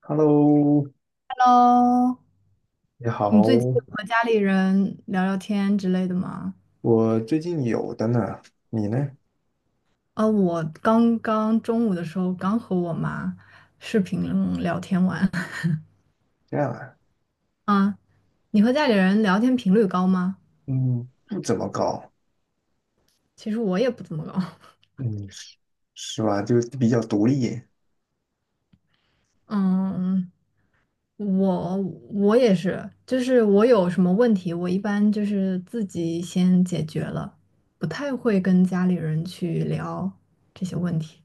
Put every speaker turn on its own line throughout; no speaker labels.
Hello，
喽，
你好，
你最近有和家里人聊聊天之类的吗？
我最近有的呢，你呢？
啊，我刚刚中午的时候刚和我妈视频聊天完。
这样啊。
啊，你和家里人聊天频率高吗？
嗯，不怎么高。
其实我也不怎么高。
嗯，是是吧？就比较独立。
嗯，我也是，就是我有什么问题，我一般就是自己先解决了，不太会跟家里人去聊这些问题。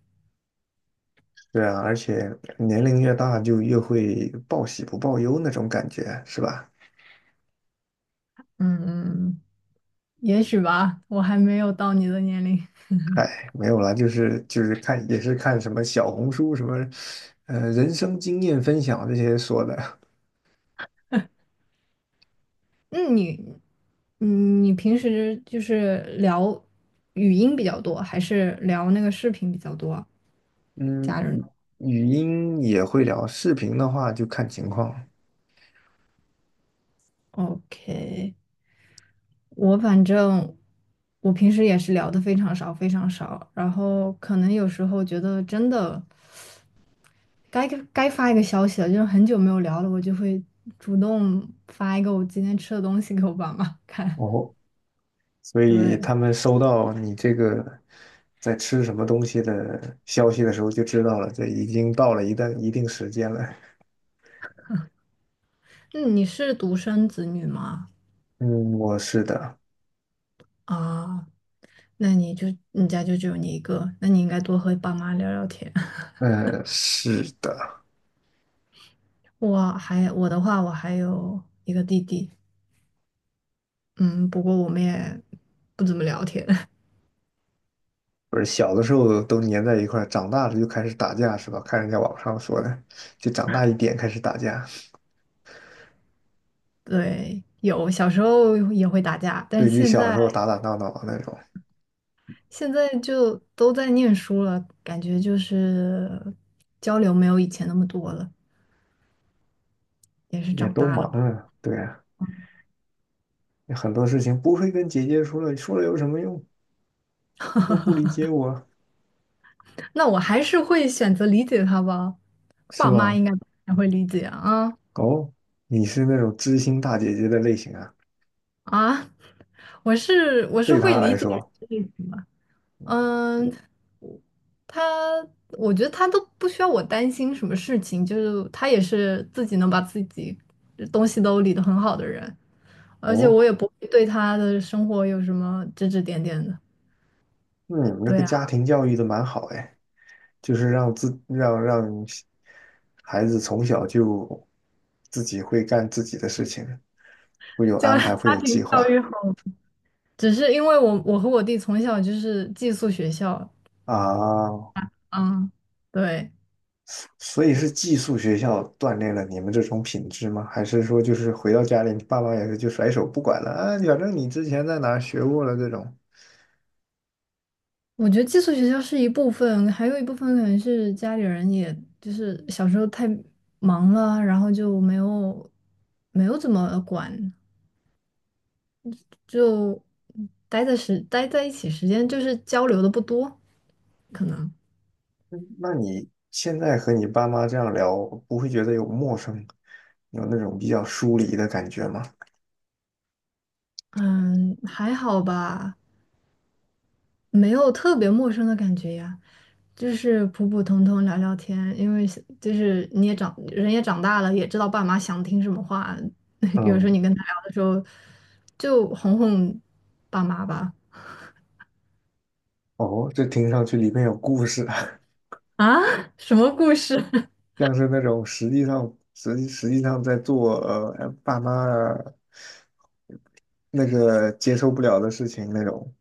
对啊，而且年龄越大就越会报喜不报忧那种感觉，是吧？
嗯嗯，也许吧，我还没有到你的年龄。
嗨，没有了，就是看也是看什么小红书什么，人生经验分享这些说的。
那你，嗯，你平时就是聊语音比较多，还是聊那个视频比较多啊
嗯，
家人
语音也会聊，视频的话就看情况。
？OK，我反正我平时也是聊的非常少，非常少。然后可能有时候觉得真的该发一个消息了，就是很久没有聊了，我就会主动发一个我今天吃的东西给我爸妈看。
哦。所以
对，
他们收到你这个在吃什么东西的消息的时候，就知道了，这已经到了一定时间了。
那你是独生子女吗？
嗯，我是的。
啊，那你就你家就只有你一个，那你应该多和爸妈聊聊天。
嗯，是的。
我的话，我还有一个弟弟，嗯，不过我们也不怎么聊天。
不是小的时候都粘在一块儿，长大了就开始打架是吧？看人家网上说的，就长大一点开始打架，
对，有小时候也会打架，但
对
是
峙
现
小时
在
候打打闹闹的那种。
现在就都在念书了，感觉就是交流没有以前那么多了，也是
也
长
都
大
忙
了吧。
啊，对啊，很多事情不会跟姐姐说了，说了有什么用？又不理解我，
那我还是会选择理解他吧，
是
爸妈
吧？
应该还会理解啊
哦，你是那种知心大姐姐的类型啊。
啊。啊 我是
对
会
他
理
来
解。
说，
嗯，他，我觉得他都不需要我担心什么事情，就是他也是自己能把自己东西都理得很好的人，而且
哦，
我也不会对他的生活有什么指指点点的。
那你们这
对
个家
啊，
庭教育的蛮好哎，就是让自让让孩子从小就自己会干自己的事情，会有
家
安排，会
家
有计
庭教
划
育好，只是因为我和我弟从小就是寄宿学校，
啊。
嗯，对，
所以是寄宿学校锻炼了你们这种品质吗？还是说就是回到家里，你爸妈也是就甩手不管了啊？反正你之前在哪儿学过了这种。
我觉得寄宿学校是一部分，还有一部分可能是家里人也，就是小时候太忙了，然后就没有怎么管，就待在一起时间就是交流的不多，可能
那你现在和你爸妈这样聊，不会觉得有陌生，有那种比较疏离的感觉吗？
嗯还好吧，没有特别陌生的感觉呀。就是普普通通聊聊天，因为是就是你也长人也长大了，也知道爸妈想听什么话。有时
嗯，
候你跟他聊的时候，就哄哄爸妈吧。
哦，这听上去里面有故事啊。
啊，什么故事？
像是那种实际上在做爸妈那个接受不了的事情那种。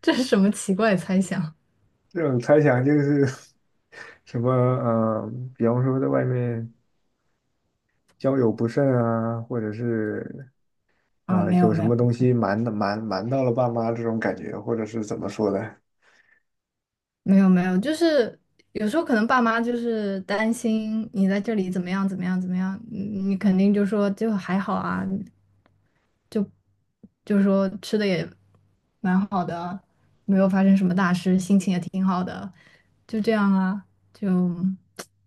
这是什么奇怪的猜想？
这种猜想就是 什么比方说在外面交友不慎啊，或者是
啊，
呃
没有
有什
没有，
么东西瞒的瞒瞒到了爸妈这种感觉，或者是怎么说的？
没有没有，就是有时候可能爸妈就是担心你在这里怎么样怎么样怎么样，你肯定就说就还好啊，就是说吃的也蛮好的，没有发生什么大事，心情也挺好的，就这样啊，就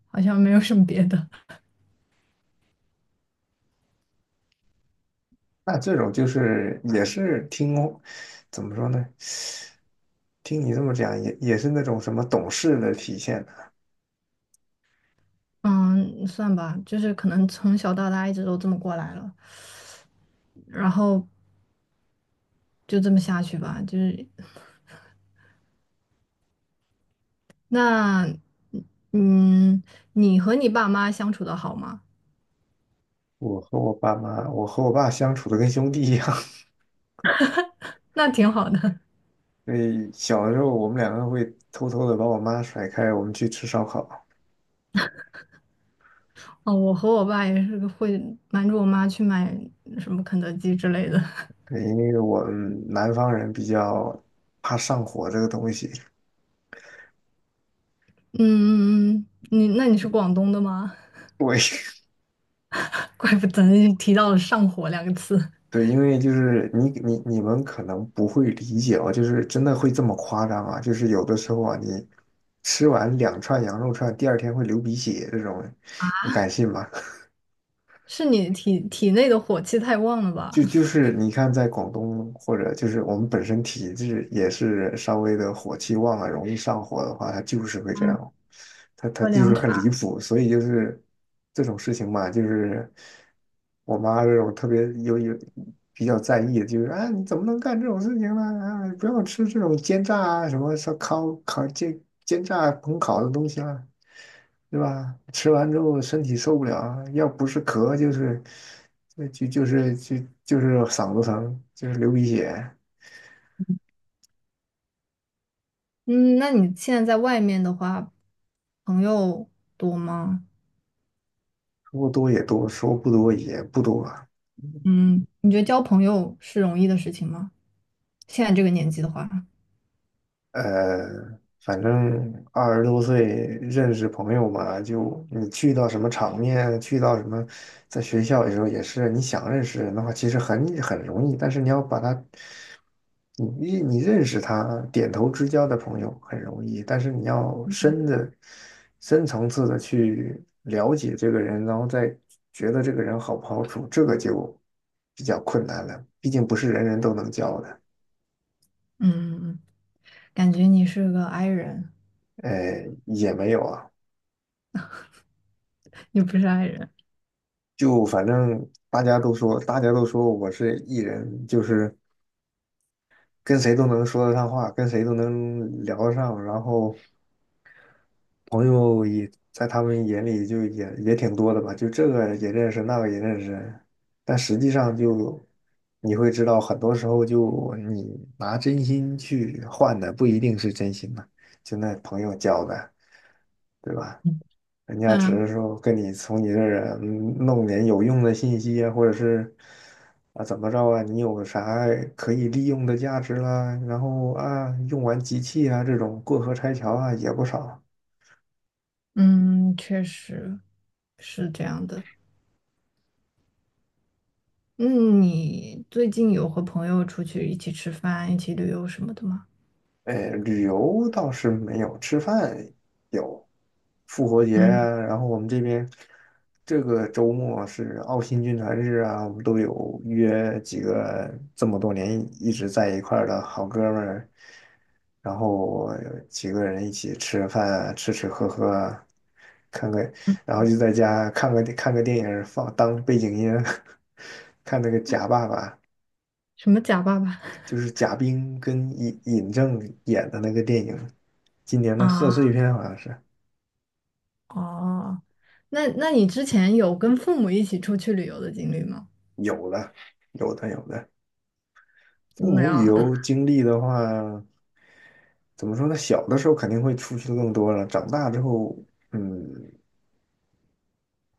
好像没有什么别的。
那这种就是也是听，怎么说呢？听你这么讲，也也是那种什么懂事的体现呢。
嗯，算吧，就是可能从小到大一直都这么过来了，然后就这么下去吧。就是那，嗯，你和你爸妈相处的好吗？
我和我爸妈，我和我爸相处的跟兄弟一样。
那挺好的。
所以小的时候，我们两个会偷偷的把我妈甩开，我们去吃烧烤。
哦，我和我爸也是会瞒着我妈去买什么肯德基之类的。
对，因为我们南方人比较怕上火这个东西。
嗯嗯嗯，你那你是广东的吗？
对，
怪不得你提到了上火两个字，
对，因为就是你们可能不会理解哦，就是真的会这么夸张啊？就是有的时候啊，你吃完两串羊肉串，第二天会流鼻血这种，你敢信吗？
是你体内的火气太旺了吧？
就是你看，在广东或者就是我们本身体质也是稍微的火气旺啊，容易上火的话，它就是会这样，它
喝
就是
凉
很离
茶，
谱，所以就是这种事情嘛，就是我妈这种特别有比较在意，就是啊、你怎么能干这种事情呢？啊，不要吃这种煎炸啊什么烧烤烤煎烹烤的东西啦、对吧？吃完之后身体受不了，要不是咳就是呃就就是就就是嗓子疼，就是流鼻血。
嗯，那你现在在外面的话，朋友多吗？
说多也多，说不多也不多。
嗯，你觉得交朋友是容易的事情吗？现在这个年纪的话，
呃，反正二十多岁认识朋友嘛，就你去到什么场面，去到什么，在学校的时候也是，你想认识人的话，其实很容易，但是你要把他你认识他，点头之交的朋友很容易，但是你要深的、深层次的去了解这个人，然后再觉得这个人好不好处，这个就比较困难了。毕竟不是人人都能交的。
嗯，感觉你是个 i 人，
哎，也没有啊。
你不是 i 人。
就反正大家都说我是 E 人，就是跟谁都能说得上话，跟谁都能聊得上，然后朋友也在他们眼里就也挺多的吧，就这个也认识，那个也认识，但实际上就你会知道，很多时候就你拿真心去换的不一定是真心嘛，就那朋友交的，对吧？人家只
嗯
是说跟你从你这儿嗯弄点有用的信息啊，或者是啊怎么着啊，你有啥可以利用的价值啦，然后啊用完即弃啊这种过河拆桥啊也不少。
嗯，确实是这样的。嗯，你最近有和朋友出去一起吃饭、一起旅游什么的吗？
哎，旅游倒是没有，吃饭有。复活节
嗯。
啊，然后我们这边这个周末是澳新军团日啊，我们都有约几个这么多年一直在一块儿的好哥们儿，然后几个人一起吃饭啊吃吃喝喝啊看个，然后就在家看个电影儿放当背景音啊，看那个《假爸爸》。
什么假爸爸
就是贾冰跟尹正演的那个电影，今年 的贺岁
啊？
片好像是
哦，那那你之前有跟父母一起出去旅游的经历吗？
有的，有的，有的。父
没
母
有
旅
啊，
游经历的话，怎么说呢？小的时候肯定会出去的更多了，长大之后，嗯，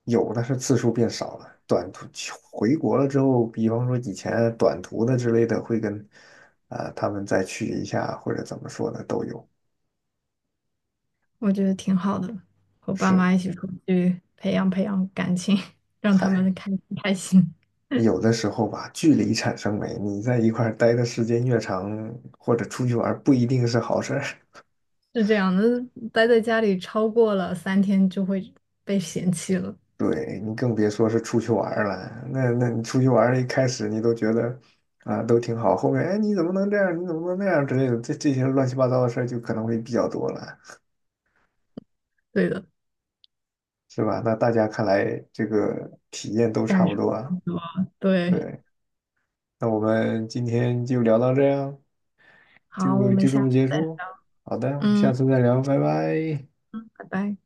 有的是次数变少了。短途回国了之后，比方说以前短途的之类的，会跟啊、他们再去一下，或者怎么说呢，都有。
我觉得挺好的，和爸
是，
妈一起出去培养培养感情，让他
嗨。
们开开心。
有的时候吧，距离产生美。你在一块儿待的时间越长，或者出去玩儿不一定是好事儿。
是这样的，待在家里超过了3天就会被嫌弃了。
对，你更别说是出去玩儿了。那你出去玩儿一开始你都觉得啊都挺好，后面哎你怎么能这样？你怎么能那样之类的，这些乱七八糟的事儿就可能会比较多了，
对的，
是吧？那大家看来这个体验都差
感
不
受
多
差
啊。
不多。对，
对，那我们今天就聊到这样，
好，我
就
们
就这
下
么
次
结
再聊。
束。好的，我们
嗯，
下次再聊，拜拜。
拜拜。